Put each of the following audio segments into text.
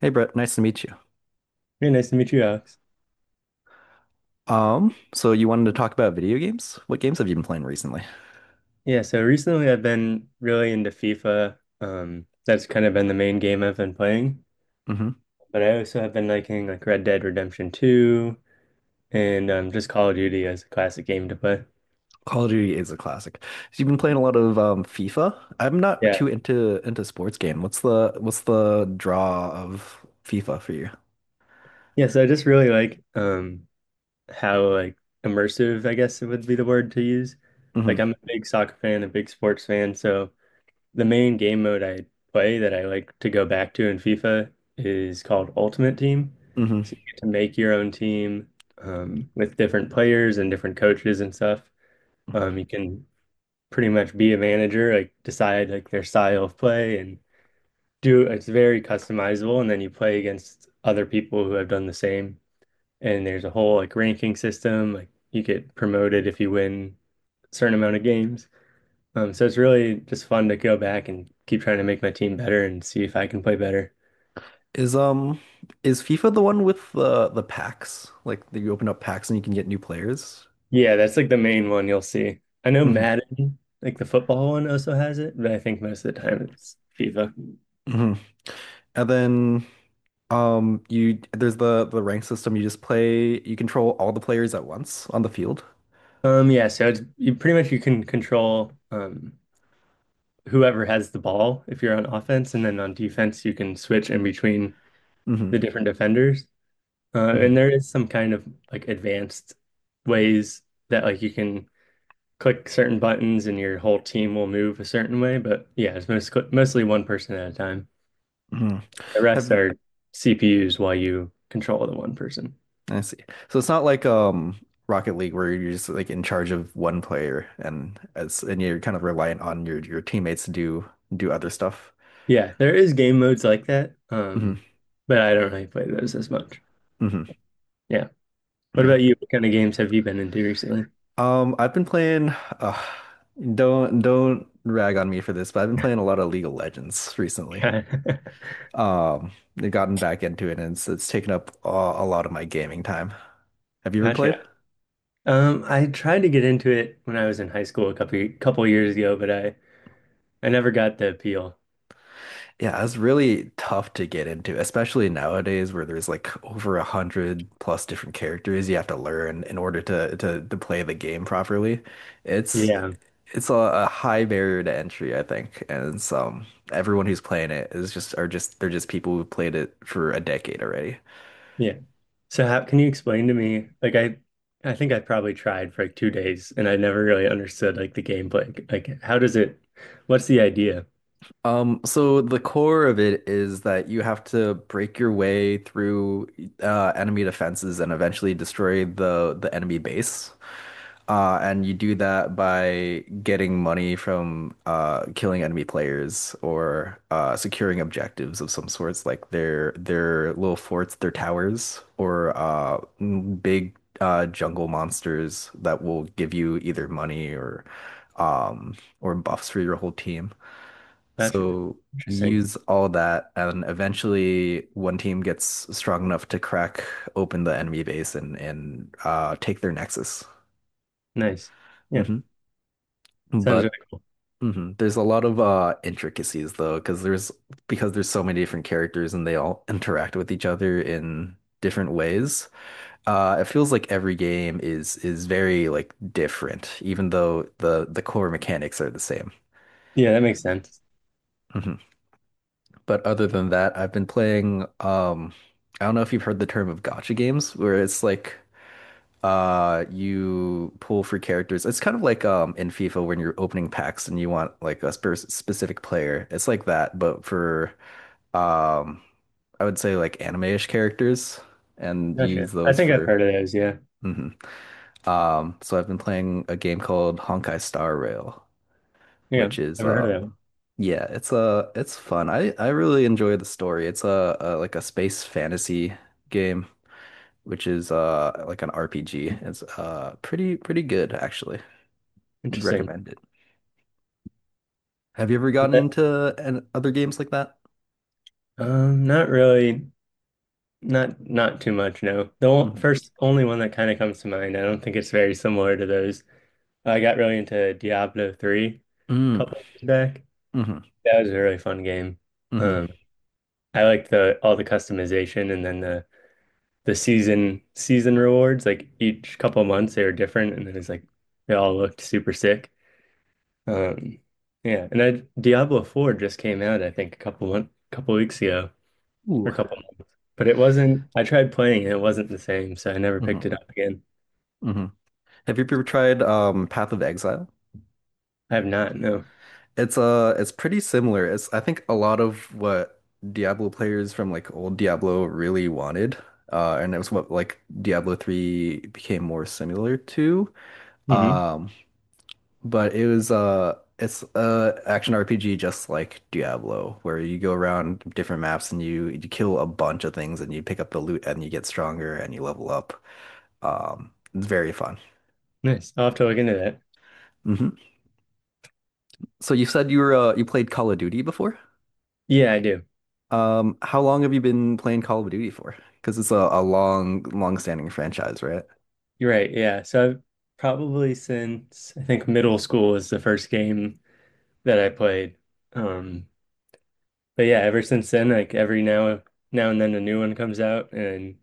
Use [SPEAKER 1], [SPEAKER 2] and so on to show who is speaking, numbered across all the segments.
[SPEAKER 1] Hey Brett, nice to meet you.
[SPEAKER 2] Very nice to meet you, Alex.
[SPEAKER 1] So you wanted to talk about video games? What games have you been playing recently?
[SPEAKER 2] Yeah, so recently I've been really into FIFA. That's kind of been the main game I've been playing.
[SPEAKER 1] Hmm.
[SPEAKER 2] But I also have been liking like Red Dead Redemption 2 and just Call of Duty as a classic game to play.
[SPEAKER 1] Call of Duty is a classic. So you've been playing a lot of FIFA. I'm not
[SPEAKER 2] Yeah.
[SPEAKER 1] too into sports game. What's the draw of FIFA for you?
[SPEAKER 2] Yeah, so I just really like how like immersive, I guess it would be the word to use.
[SPEAKER 1] Hmm.
[SPEAKER 2] Like I'm a big soccer fan, a big sports fan, so the main game mode I play that I like to go back to in FIFA is called Ultimate Team.
[SPEAKER 1] Hmm.
[SPEAKER 2] So you get to make your own team with different players and different coaches and stuff. You can pretty much be a manager, like decide like their style of play and do it's very customizable. And then you play against other people who have done the same. And there's a whole like ranking system. Like you get promoted if you win a certain amount of games. So it's really just fun to go back and keep trying to make my team better and see if I can play better.
[SPEAKER 1] Is is FIFA the one with the packs? Like that you open up packs and you can get new players?
[SPEAKER 2] Yeah, that's like the main one you'll see. I know
[SPEAKER 1] Hmm.
[SPEAKER 2] Madden, like the football one also has it, but I think most of the time it's FIFA.
[SPEAKER 1] Hmm. And then you there's the rank system. You just play you control all the players at once on the field.
[SPEAKER 2] Yeah, so it's you pretty much you can control whoever has the ball if you're on offense, and then on defense you can switch in between
[SPEAKER 1] Mm-hmm.
[SPEAKER 2] the different defenders. And
[SPEAKER 1] Mhm,
[SPEAKER 2] there is some kind of like advanced ways that like you can click certain buttons and your whole team will move a certain way. But yeah, it's mostly one person at a time.
[SPEAKER 1] mhm.
[SPEAKER 2] The rest
[SPEAKER 1] Have-
[SPEAKER 2] are CPUs while you control the one person.
[SPEAKER 1] I see. So it's not like Rocket League where you're just like in charge of one player and as and you're kind of reliant on your teammates to do other stuff.
[SPEAKER 2] Yeah, there is game modes like that. Um,
[SPEAKER 1] Hmm.
[SPEAKER 2] but I don't really play those as much.
[SPEAKER 1] Hmm.
[SPEAKER 2] Yeah. What
[SPEAKER 1] Yeah.
[SPEAKER 2] about you? What kind of games have you been into recently?
[SPEAKER 1] I've been playing. Uh, don't rag on me for this, but I've been playing a lot of League of Legends recently.
[SPEAKER 2] Gotcha.
[SPEAKER 1] Um, I've gotten back into it and it's taken up a lot of my gaming time. Have you ever played?
[SPEAKER 2] I tried to get into it when I was in high school a couple years ago, but I never got the appeal.
[SPEAKER 1] Yeah, it's really tough to get into, especially nowadays where there's like over 100+ different characters you have to learn in order to play the game properly. It's
[SPEAKER 2] Yeah.
[SPEAKER 1] it's a high barrier to entry, I think. And it's, everyone who's playing it is just are just they're just people who've played it for a decade already.
[SPEAKER 2] Yeah. So how can you explain to me? Like I think I probably tried for like 2 days and I never really understood like the gameplay. Like how does it what's the idea?
[SPEAKER 1] So the core of it is that you have to break your way through enemy defenses and eventually destroy the enemy base. And you do that by getting money from killing enemy players or securing objectives of some sorts, like their little forts, their towers, or big jungle monsters that will give you either money or um, or buffs for your whole team.
[SPEAKER 2] Gotcha.
[SPEAKER 1] So
[SPEAKER 2] Interesting.
[SPEAKER 1] use all that, and eventually one team gets strong enough to crack open the enemy base and take their nexus.
[SPEAKER 2] Nice. Yeah.
[SPEAKER 1] Hmm.
[SPEAKER 2] Sounds really
[SPEAKER 1] But
[SPEAKER 2] cool.
[SPEAKER 1] there's a lot of intricacies though, because there's so many different characters and they all interact with each other in different ways. It feels like every game is very like different, even though the core mechanics are the same.
[SPEAKER 2] Yeah, that makes sense.
[SPEAKER 1] Hmm. But other than that, I've been playing. I don't know if you've heard the term of gacha games, where it's like you pull for characters. It's kind of like in FIFA when you're opening packs and you want like a specific player. It's like that, but for um I would say like anime-ish characters and
[SPEAKER 2] Gotcha.
[SPEAKER 1] use
[SPEAKER 2] I
[SPEAKER 1] those
[SPEAKER 2] think I've
[SPEAKER 1] for.
[SPEAKER 2] heard of those, yeah.
[SPEAKER 1] Mhm. So I've been playing a game called Honkai Star Rail,
[SPEAKER 2] Yeah.
[SPEAKER 1] which is
[SPEAKER 2] Never heard of that one.
[SPEAKER 1] yeah, it's fun. I really enjoy the story. It's a like a space fantasy game, which is like an RPG. It's pretty good actually. Would
[SPEAKER 2] Interesting.
[SPEAKER 1] recommend it. Have you ever gotten
[SPEAKER 2] But,
[SPEAKER 1] into other games like that?
[SPEAKER 2] not really not too much, no. The
[SPEAKER 1] Hmm.
[SPEAKER 2] first only one that kind of comes to mind. I don't think it's very similar to those. I got really into Diablo 3 a
[SPEAKER 1] Mm-hmm.
[SPEAKER 2] couple years back. That was a really fun game.
[SPEAKER 1] Mm-hmm.
[SPEAKER 2] Um, I like the all the customization and then the season rewards. Like each couple of months they were different, and then it's like they all looked super sick. Um, yeah, Diablo 4 just came out, I think, a couple weeks ago or
[SPEAKER 1] Ooh.
[SPEAKER 2] a couple months. But it wasn't. I tried playing and it wasn't the same, so I never picked
[SPEAKER 1] Mm-hmm.
[SPEAKER 2] it up again.
[SPEAKER 1] Mm-hmm. Have you ever tried Path of Exile?
[SPEAKER 2] I have not. No.
[SPEAKER 1] It's pretty similar. It's, I think, a lot of what Diablo players from like old Diablo really wanted. And it was what like Diablo 3 became more similar to.
[SPEAKER 2] Hmm.
[SPEAKER 1] Um but it's a action RPG just like Diablo where you go around different maps and you kill a bunch of things and you pick up the loot and you get stronger and you level up. It's very fun.
[SPEAKER 2] Nice. I'll have to look into that.
[SPEAKER 1] Hmm. So you said you played Call of Duty before?
[SPEAKER 2] Yeah, I do.
[SPEAKER 1] How long have you been playing Call of Duty for? Because it's a long, long-standing franchise, right?
[SPEAKER 2] You're right. Yeah. So I've probably since I think middle school was the first game that I played. Um, but yeah, ever since then, like every now and then a new one comes out and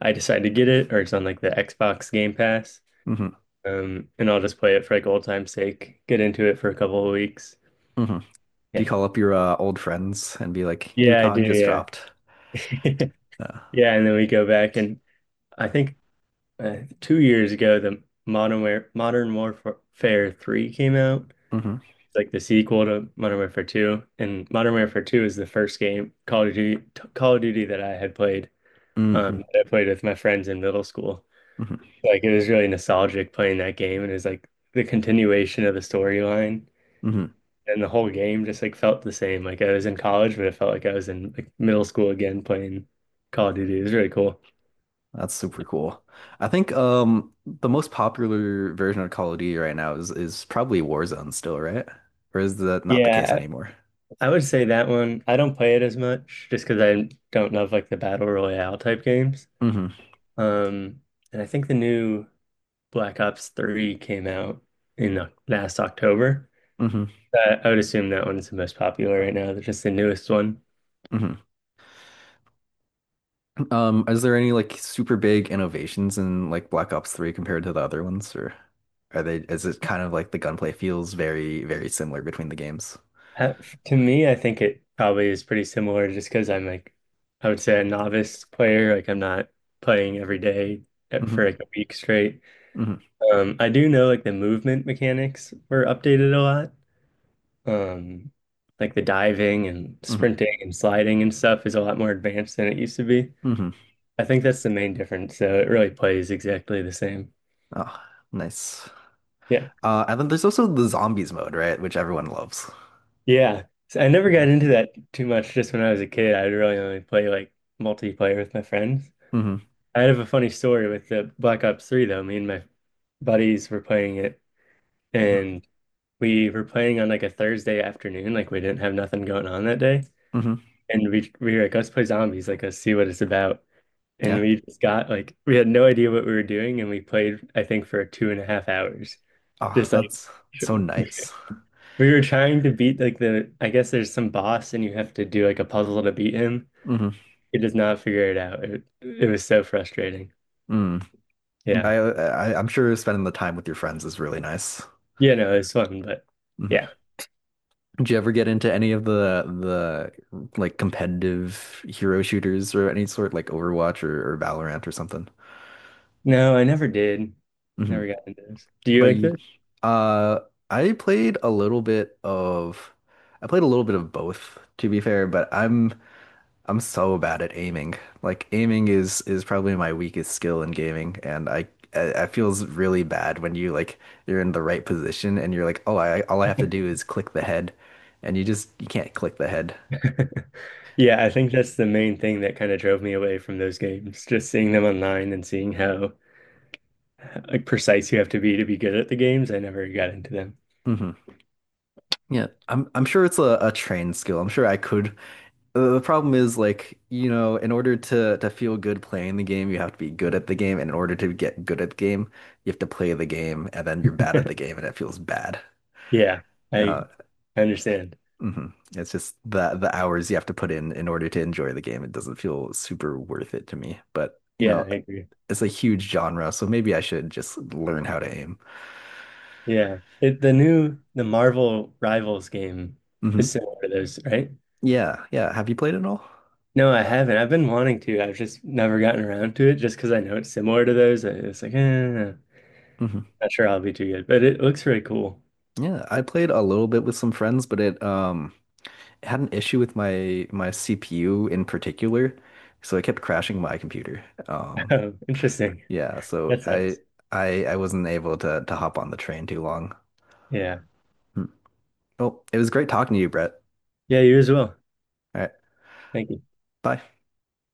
[SPEAKER 2] I decide to get it or it's on like the Xbox Game Pass.
[SPEAKER 1] Hmm.
[SPEAKER 2] And I'll just play it for like old time's sake, get into it for a couple of weeks.
[SPEAKER 1] Hmm. Do you
[SPEAKER 2] Yeah.
[SPEAKER 1] call up your old friends and be like, "New
[SPEAKER 2] Yeah, I do,
[SPEAKER 1] COD just
[SPEAKER 2] yeah.
[SPEAKER 1] dropped"? Uh,
[SPEAKER 2] Yeah, and then we go back and I think 2 years ago the Modern Warfare 3 came out.
[SPEAKER 1] hmm.
[SPEAKER 2] It's like the sequel to Modern Warfare 2 and Modern Warfare 2 is the first game Call of Duty that I had played
[SPEAKER 1] Hmm.
[SPEAKER 2] that I played with my friends in middle school.
[SPEAKER 1] Hmm.
[SPEAKER 2] Like it was really nostalgic playing that game, and it was like the continuation of the storyline,
[SPEAKER 1] Hmm.
[SPEAKER 2] and the whole game just like felt the same. Like I was in college, but it felt like I was in like middle school again playing Call of Duty. It was really cool.
[SPEAKER 1] That's super cool. I think the most popular version of Call of Duty right now is probably Warzone still, right? Or is that not the case
[SPEAKER 2] Yeah,
[SPEAKER 1] anymore?
[SPEAKER 2] I would say that one. I don't play it as much just because I don't love like the battle royale type games.
[SPEAKER 1] Hmm.
[SPEAKER 2] Um, and I think the new Black Ops 3 came out in last October.
[SPEAKER 1] Hmm.
[SPEAKER 2] I would assume that one's the most popular right now, just the newest one.
[SPEAKER 1] Hmm. Is there any like super big innovations in like Black Ops 3 compared to the other ones, or is it kind of like the gunplay feels very, very similar between the games?
[SPEAKER 2] To me, I think it probably is pretty similar just because I would say a novice player. Like, I'm not playing every day for
[SPEAKER 1] Hmm.
[SPEAKER 2] like a week straight.
[SPEAKER 1] Hmm.
[SPEAKER 2] I do know like the movement mechanics were updated a lot. Um, like the diving and
[SPEAKER 1] Hmm.
[SPEAKER 2] sprinting and sliding and stuff is a lot more advanced than it used to be.
[SPEAKER 1] Hmm.
[SPEAKER 2] I think that's the main difference. So it really plays exactly the same.
[SPEAKER 1] Oh, nice.
[SPEAKER 2] Yeah.
[SPEAKER 1] And then there's also the zombies mode, right? Which everyone loves.
[SPEAKER 2] Yeah. So I never got
[SPEAKER 1] Yeah.
[SPEAKER 2] into that too much just when I was a kid. I'd really only play like multiplayer with my friends.
[SPEAKER 1] Hmm.
[SPEAKER 2] I have a funny story with the Black Ops 3 though. Me and my buddies were playing it
[SPEAKER 1] Hmm.
[SPEAKER 2] and we were playing on like a Thursday afternoon, like we didn't have nothing going on that day.
[SPEAKER 1] Hmm.
[SPEAKER 2] And we were like, let's play zombies, like let's see what it's about. And
[SPEAKER 1] Yeah.
[SPEAKER 2] we just got like we had no idea what we were doing and we played, I think, for 2.5 hours.
[SPEAKER 1] Oh,
[SPEAKER 2] Just like
[SPEAKER 1] that's so nice.
[SPEAKER 2] we were trying to beat like the, I guess there's some boss and you have to do like a puzzle to beat him.
[SPEAKER 1] Hmm.
[SPEAKER 2] He does not figure it out. It was so frustrating.
[SPEAKER 1] Mm.
[SPEAKER 2] Yeah.
[SPEAKER 1] I'm sure spending the time with your friends is really nice.
[SPEAKER 2] Yeah, no, it was fun, but
[SPEAKER 1] Mm-hmm.
[SPEAKER 2] yeah.
[SPEAKER 1] Did you ever get into any of the like competitive hero shooters or any sort, like Overwatch or, Valorant or something?
[SPEAKER 2] No, I never did.
[SPEAKER 1] Hmm.
[SPEAKER 2] Never got into this. Do
[SPEAKER 1] But
[SPEAKER 2] you like
[SPEAKER 1] you,
[SPEAKER 2] this?
[SPEAKER 1] uh, I played a little bit of, I played a little bit of both, to be fair. But I'm so bad at aiming. Like aiming is probably my weakest skill in gaming, and it feels really bad when you like you're in the right position and you're like, oh, I all I have to do is click the head, and you can't click the head.
[SPEAKER 2] Yeah, I think that's the main thing that kind of drove me away from those games. Just seeing them online and seeing how like precise you have to be good at the games. I never got into them.
[SPEAKER 1] Mm-hmm. Yeah, I'm sure it's a trained skill. I'm sure I could. The problem is like, in order to feel good playing the game, you have to be good at the game, and in order to get good at the game, you have to play the game, and then you're bad at the game, and it feels bad.
[SPEAKER 2] Yeah,
[SPEAKER 1] Uh,
[SPEAKER 2] I I understand.
[SPEAKER 1] mhm. It's just the hours you have to put in order to enjoy the game. It doesn't feel super worth it to me. But,
[SPEAKER 2] Yeah, I agree.
[SPEAKER 1] it's a huge genre, so maybe I should just learn how to aim.
[SPEAKER 2] Yeah. It, the new the Marvel Rivals game is
[SPEAKER 1] Hmm.
[SPEAKER 2] similar to those, right?
[SPEAKER 1] Yeah, yeah. Have you played it all?
[SPEAKER 2] No, I haven't. I've been wanting to. I've just never gotten around to it just because I know it's similar to those. It's like, eh,
[SPEAKER 1] Hmm.
[SPEAKER 2] not sure I'll be too good, but it looks really cool.
[SPEAKER 1] Yeah, I played a little bit with some friends, but it had an issue with my CPU in particular, so it kept crashing my computer. Um,
[SPEAKER 2] Interesting.
[SPEAKER 1] yeah, so
[SPEAKER 2] That
[SPEAKER 1] I
[SPEAKER 2] sucks.
[SPEAKER 1] I I wasn't able to hop on the train too long.
[SPEAKER 2] Yeah.
[SPEAKER 1] Hmm. Well, it was great talking to you, Brett.
[SPEAKER 2] Yeah, you as well.
[SPEAKER 1] All right,
[SPEAKER 2] Thank you.
[SPEAKER 1] bye.